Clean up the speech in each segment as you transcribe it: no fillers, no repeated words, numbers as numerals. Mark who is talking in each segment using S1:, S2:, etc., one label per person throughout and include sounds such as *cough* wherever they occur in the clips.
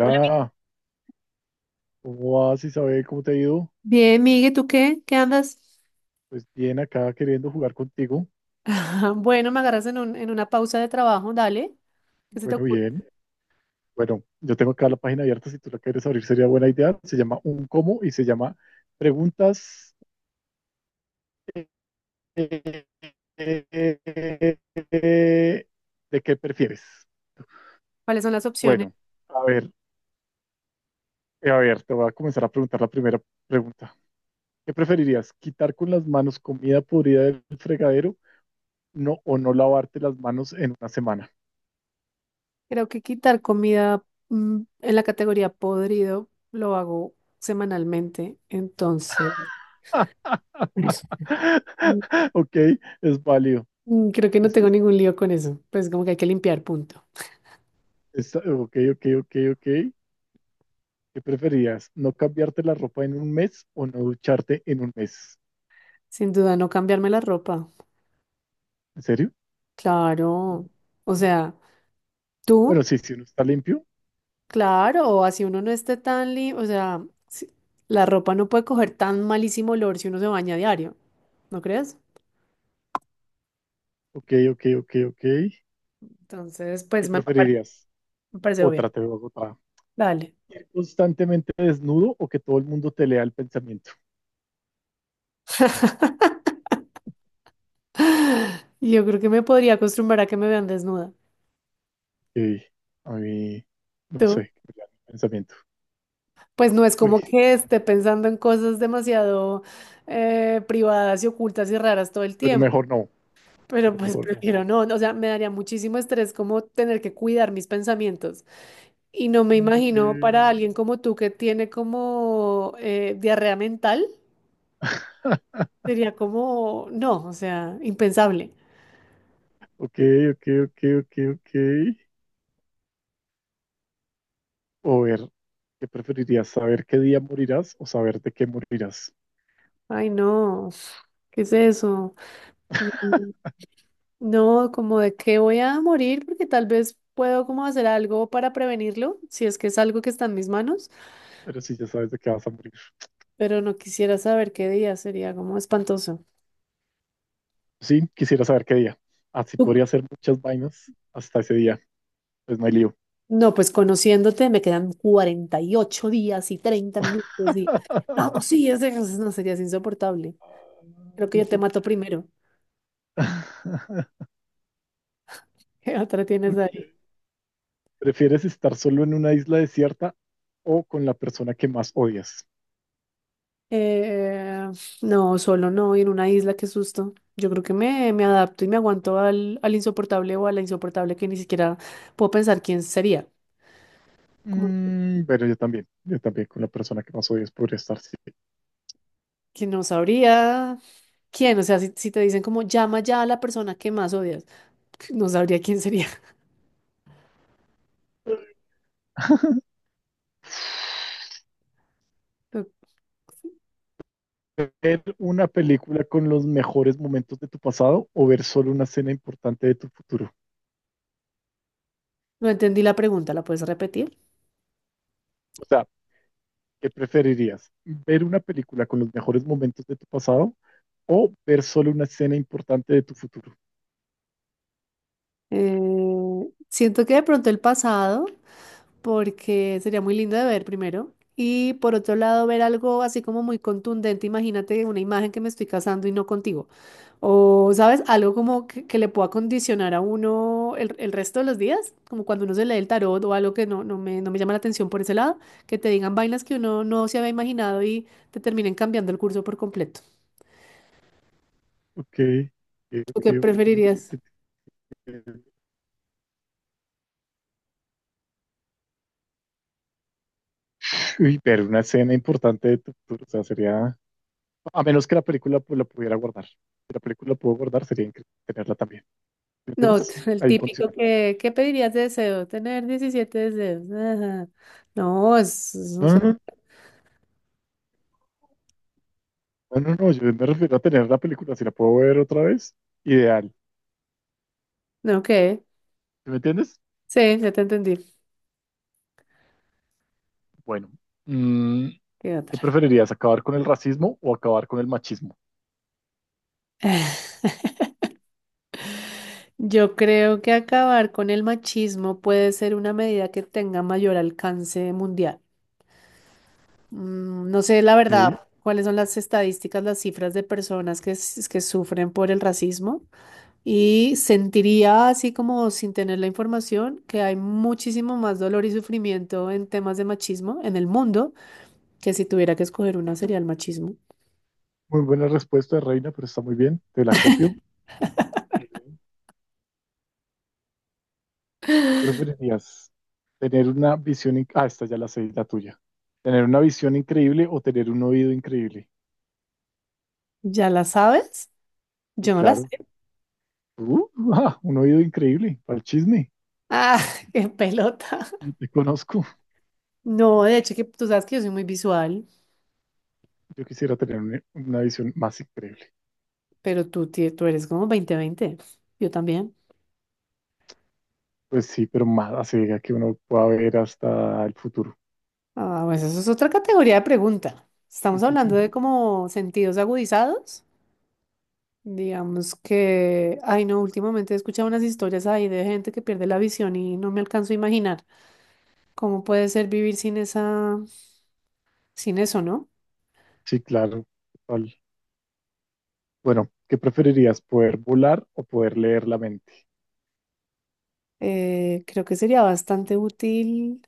S1: Hola,
S2: ¿cómo vas, Isabel? ¿Cómo te ha ido?
S1: Bien, Migue, ¿tú qué? ¿Qué andas? *laughs*
S2: Pues bien, acá queriendo jugar contigo.
S1: Bueno, me agarras en una pausa de trabajo, dale. ¿Qué se te
S2: Bueno,
S1: ocurre?
S2: bien. Bueno, yo tengo acá la página abierta, si tú la quieres abrir sería buena idea. Se llama Un Cómo y se llama Preguntas eh, de qué prefieres.
S1: ¿Cuáles son las opciones?
S2: Bueno, a ver, a ver, te voy a comenzar a preguntar la primera pregunta. ¿Qué preferirías? ¿Quitar con las manos comida podrida del fregadero? No, o no lavarte las manos en una semana.
S1: Creo que quitar comida en la categoría podrido lo hago semanalmente, entonces *laughs* Eso. mm,
S2: *laughs* Ok, es válido.
S1: creo que no
S2: Está-
S1: tengo ningún lío con eso. Pues como que hay que limpiar, punto.
S2: ok, ok, ok, ok. ¿Qué preferías? ¿No cambiarte la ropa en un mes o no ducharte en un mes?
S1: Sin duda, no cambiarme la ropa.
S2: ¿En serio?
S1: Claro. O sea,
S2: Bueno,
S1: ¿tú?
S2: sí, si uno está limpio.
S1: Claro, o así uno no esté tan limpio, o sea, la ropa no puede coger tan malísimo olor si uno se baña a diario, ¿no crees?
S2: Ok, ok, ok, ok.
S1: Entonces, pues
S2: ¿Qué preferirías?
S1: me parece obvio.
S2: Otra, te veo otra.
S1: Dale.
S2: ¿Ir constantemente desnudo o que todo el mundo te lea el pensamiento?
S1: *laughs* Yo creo que me podría acostumbrar a que me vean desnuda.
S2: Ok, a mí, no
S1: ¿Tú?
S2: sé, que me lean el pensamiento.
S1: Pues no es
S2: Uy,
S1: como que esté pensando en cosas demasiado privadas y ocultas y raras todo el
S2: pero
S1: tiempo,
S2: mejor no,
S1: pero
S2: pero
S1: pues
S2: mejor no.
S1: prefiero no, o sea, me daría muchísimo estrés como tener que cuidar mis pensamientos. Y no me imagino para alguien como tú que tiene como diarrea mental, sería como, no, o sea, impensable.
S2: Ok, *laughs* ok, ok, ok, ok. O ver, ¿qué preferirías? ¿Saber qué día morirás o saber de qué morirás?
S1: Ay, no, ¿qué es eso? Mm, no, como de qué voy a morir porque tal vez puedo como hacer algo para prevenirlo, si es que es algo que está en mis manos,
S2: Pero si ya sabes de qué vas a morir.
S1: pero no quisiera saber qué día, sería como espantoso.
S2: Sí, quisiera saber qué día. Así
S1: Tú-
S2: podría hacer muchas vainas hasta ese día. Pues no hay lío.
S1: No, pues conociéndote me quedan 48 días y 30 minutos y no, pues sí, no, sería insoportable. Creo que yo te mato primero.
S2: *laughs*
S1: *laughs* ¿Qué otra tienes
S2: Ok.
S1: ahí?
S2: ¿Prefieres estar solo en una isla desierta o con la persona que más odias?
S1: Eh, no, solo no, y en una isla, qué susto. Yo creo que me adapto y me aguanto al insoportable o a la insoportable que ni siquiera puedo pensar quién sería. Como
S2: Mm, pero yo también con la persona que más odias podría estar, sí.
S1: que no sabría quién. O sea, si te dicen como llama ya a la persona que más odias, *laughs* no sabría quién sería. *laughs*
S2: ¿Ver una película con los mejores momentos de tu pasado o ver solo una escena importante de tu futuro?
S1: No, no entendí la pregunta, ¿la puedes repetir?
S2: O sea, ¿qué preferirías? ¿Ver una película con los mejores momentos de tu pasado o ver solo una escena importante de tu futuro?
S1: Siento que de pronto el pasado, porque sería muy lindo de ver primero. Y por otro lado, ver algo así como muy contundente. Imagínate una imagen que me estoy casando y no contigo. O, ¿sabes? Algo como que, le pueda condicionar a uno el resto de los días. Como cuando uno se lee el tarot o algo que no me llama la atención por ese lado. Que te digan vainas que uno no se había imaginado y te terminen cambiando el curso por completo.
S2: Ok, ok,
S1: ¿Tú qué
S2: ok, ok. Ok,
S1: preferirías?
S2: te entiendo. Uy, ver una escena importante de tu futuro, o sea, sería, a menos que la película pues, la pudiera guardar. Si la película la puedo guardar, sería increíble tenerla también. ¿Me
S1: No,
S2: entiendes?
S1: el
S2: Hay un
S1: típico
S2: condicional.
S1: que, ¿qué pedirías de deseo? Tener 17 deseos. Ajá. No, es un
S2: No, no,
S1: solo.
S2: no, no, no, no, yo me refiero a tener la película, si la puedo ver otra vez, ideal.
S1: No, ¿qué?
S2: ¿Sí? ¿Me entiendes?
S1: Sí, ya te entendí.
S2: Bueno, mm,
S1: ¿Qué
S2: ¿qué
S1: otra?
S2: preferirías, acabar con el racismo o acabar con el machismo?
S1: *sighs* *laughs* Yo creo que acabar con el machismo puede ser una medida que tenga mayor alcance mundial. No sé, la
S2: Sí,
S1: verdad, cuáles son las estadísticas, las cifras de personas que sufren por el racismo. Y sentiría, así como sin tener la información, que hay muchísimo más dolor y sufrimiento en temas de machismo en el mundo que si tuviera que escoger una sería el machismo.
S2: muy buena respuesta, Reina, pero está muy bien, te la copio. Muy bien. ¿Qué preferirías? ¿Tener una visión... in- Ah, esta ya la sé, la tuya. ¿Tener una visión increíble o tener un oído increíble?
S1: ¿Ya la sabes?
S2: Sí,
S1: Yo no la sé.
S2: claro. Uh, ah, un oído increíble, para el chisme.
S1: Ah, *laughs* qué pelota.
S2: Yo te conozco.
S1: No, de hecho, que tú sabes que yo soy muy visual,
S2: Yo quisiera tener una visión más increíble.
S1: pero tú eres como 20-20. Yo también.
S2: Pues sí, pero más así diga que uno pueda ver hasta el futuro.
S1: Ah, pues eso es otra categoría de pregunta. Estamos hablando de
S2: *laughs*
S1: como sentidos agudizados. Digamos que, ay no, últimamente he escuchado unas historias ahí de gente que pierde la visión y no me alcanzo a imaginar cómo puede ser vivir sin esa, sin eso, ¿no?
S2: Sí, claro, total. Bueno, ¿qué preferirías, poder volar o poder leer la mente?
S1: Creo que sería bastante útil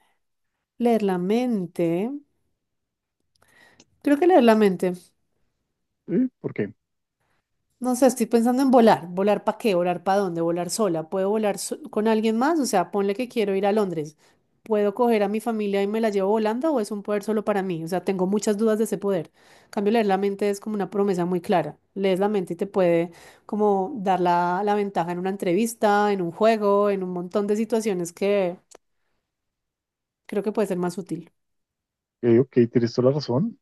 S1: leer la mente. Creo que leer la mente.
S2: ¿Eh? ¿Por qué?
S1: No sé, estoy pensando en volar. ¿Volar para qué? ¿Volar para dónde? ¿Volar sola? ¿Puedo volar con alguien más? O sea, ponle que quiero ir a Londres. ¿Puedo coger a mi familia y me la llevo volando o es un poder solo para mí? O sea, tengo muchas dudas de ese poder. En cambio, leer la mente es como una promesa muy clara. Lees la mente y te puede como dar la, ventaja en una entrevista, en un juego, en un montón de situaciones que creo que puede ser más útil.
S2: Ok, ok, tienes toda la razón.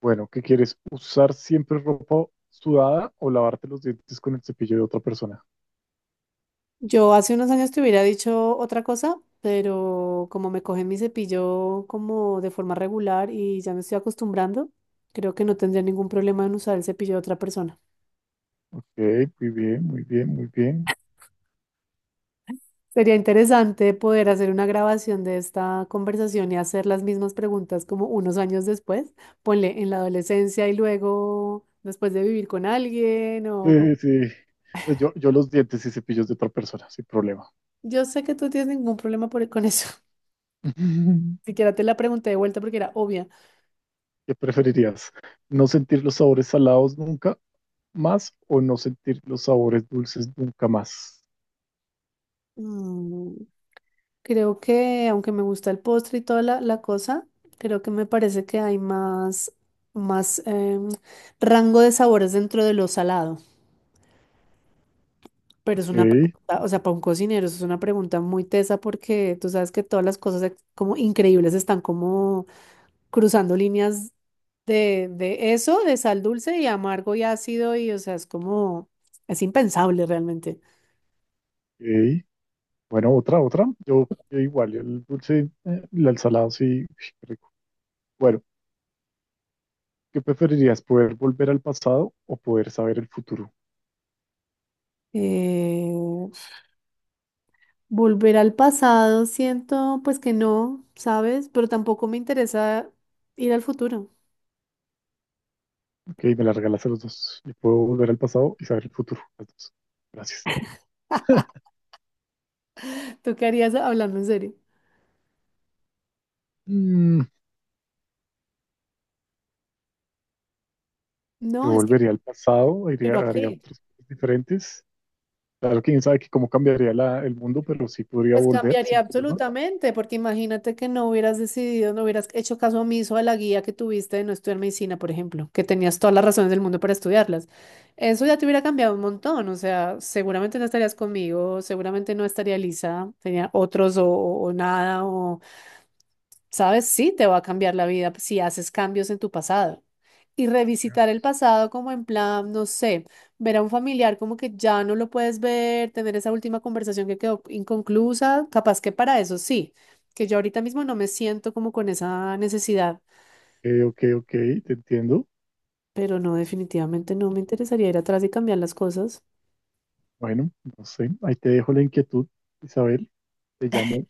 S2: Bueno, ¿qué quieres? ¿Usar siempre ropa sudada o lavarte los dientes con el cepillo de otra persona?
S1: Yo hace unos años te hubiera dicho otra cosa, pero como me coge mi cepillo como de forma regular y ya me estoy acostumbrando, creo que no tendría ningún problema en usar el cepillo de otra persona.
S2: Ok, muy bien, muy bien, muy bien.
S1: Sería interesante poder hacer una grabación de esta conversación y hacer las mismas preguntas como unos años después, ponle en la adolescencia y luego después de vivir con alguien.
S2: Sí, pues yo los dientes y cepillos de otra persona, sin problema.
S1: Yo sé que tú tienes ningún problema con eso.
S2: *laughs*
S1: *laughs* Siquiera te la pregunté de vuelta porque era obvia.
S2: ¿Qué preferirías? ¿No sentir los sabores salados nunca más o no sentir los sabores dulces nunca más?
S1: Mm. Creo que, aunque me gusta el postre y toda la, cosa, creo que me parece que hay más rango de sabores dentro de lo salado. Pero es una
S2: Ok,
S1: pregunta, o sea, para un cocinero, eso es una pregunta muy tesa porque tú sabes que todas las cosas como increíbles están como cruzando líneas de eso, de sal dulce y amargo y ácido, y o sea, es como, es impensable realmente.
S2: ok. Bueno, otra, otra. Yo igual, el dulce, el al salado sí, uy, qué rico. Bueno, ¿qué preferirías? ¿Poder volver al pasado o poder saber el futuro?
S1: Eh, Volver al pasado, siento pues que no, ¿sabes? Pero tampoco me interesa ir al futuro.
S2: Ok, me la regalaste los dos. Yo puedo volver al pasado y saber el futuro. Las dos. Gracias.
S1: *laughs* ¿Tú qué harías hablando en serio?
S2: Mm, yo
S1: No, es que,
S2: volvería al pasado, iría,
S1: ¿pero a
S2: haría
S1: qué?
S2: otras cosas diferentes. Claro, quién sabe que cómo cambiaría el mundo, pero sí podría
S1: Pues
S2: volver
S1: cambiaría
S2: sin problema.
S1: absolutamente, porque imagínate que no hubieras decidido, no hubieras hecho caso omiso a la guía que tuviste de no estudiar medicina, por ejemplo, que tenías todas las razones del mundo para estudiarlas. Eso ya te hubiera cambiado un montón, o sea, seguramente no estarías conmigo, seguramente no estaría Lisa, tenía otros o nada, o ¿sabes? Sí, te va a cambiar la vida si haces cambios en tu pasado. Y revisitar el pasado como en plan, no sé, ver a un familiar como que ya no lo puedes ver, tener esa última conversación que quedó inconclusa, capaz que para eso sí, que yo ahorita mismo no me siento como con esa necesidad,
S2: Ok, ok, ok, te entiendo.
S1: pero no, definitivamente no me interesaría ir atrás y cambiar las cosas.
S2: Bueno, no sé, ahí te dejo la inquietud, Isabel. Te llamo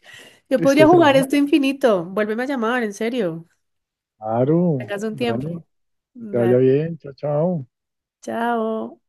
S1: Yo podría
S2: esta
S1: jugar
S2: semana.
S1: esto infinito, vuélveme a llamar, en serio,
S2: Claro,
S1: tengas un
S2: dale,
S1: tiempo.
S2: que te vaya
S1: Vale,
S2: bien, chao, chao.
S1: chao.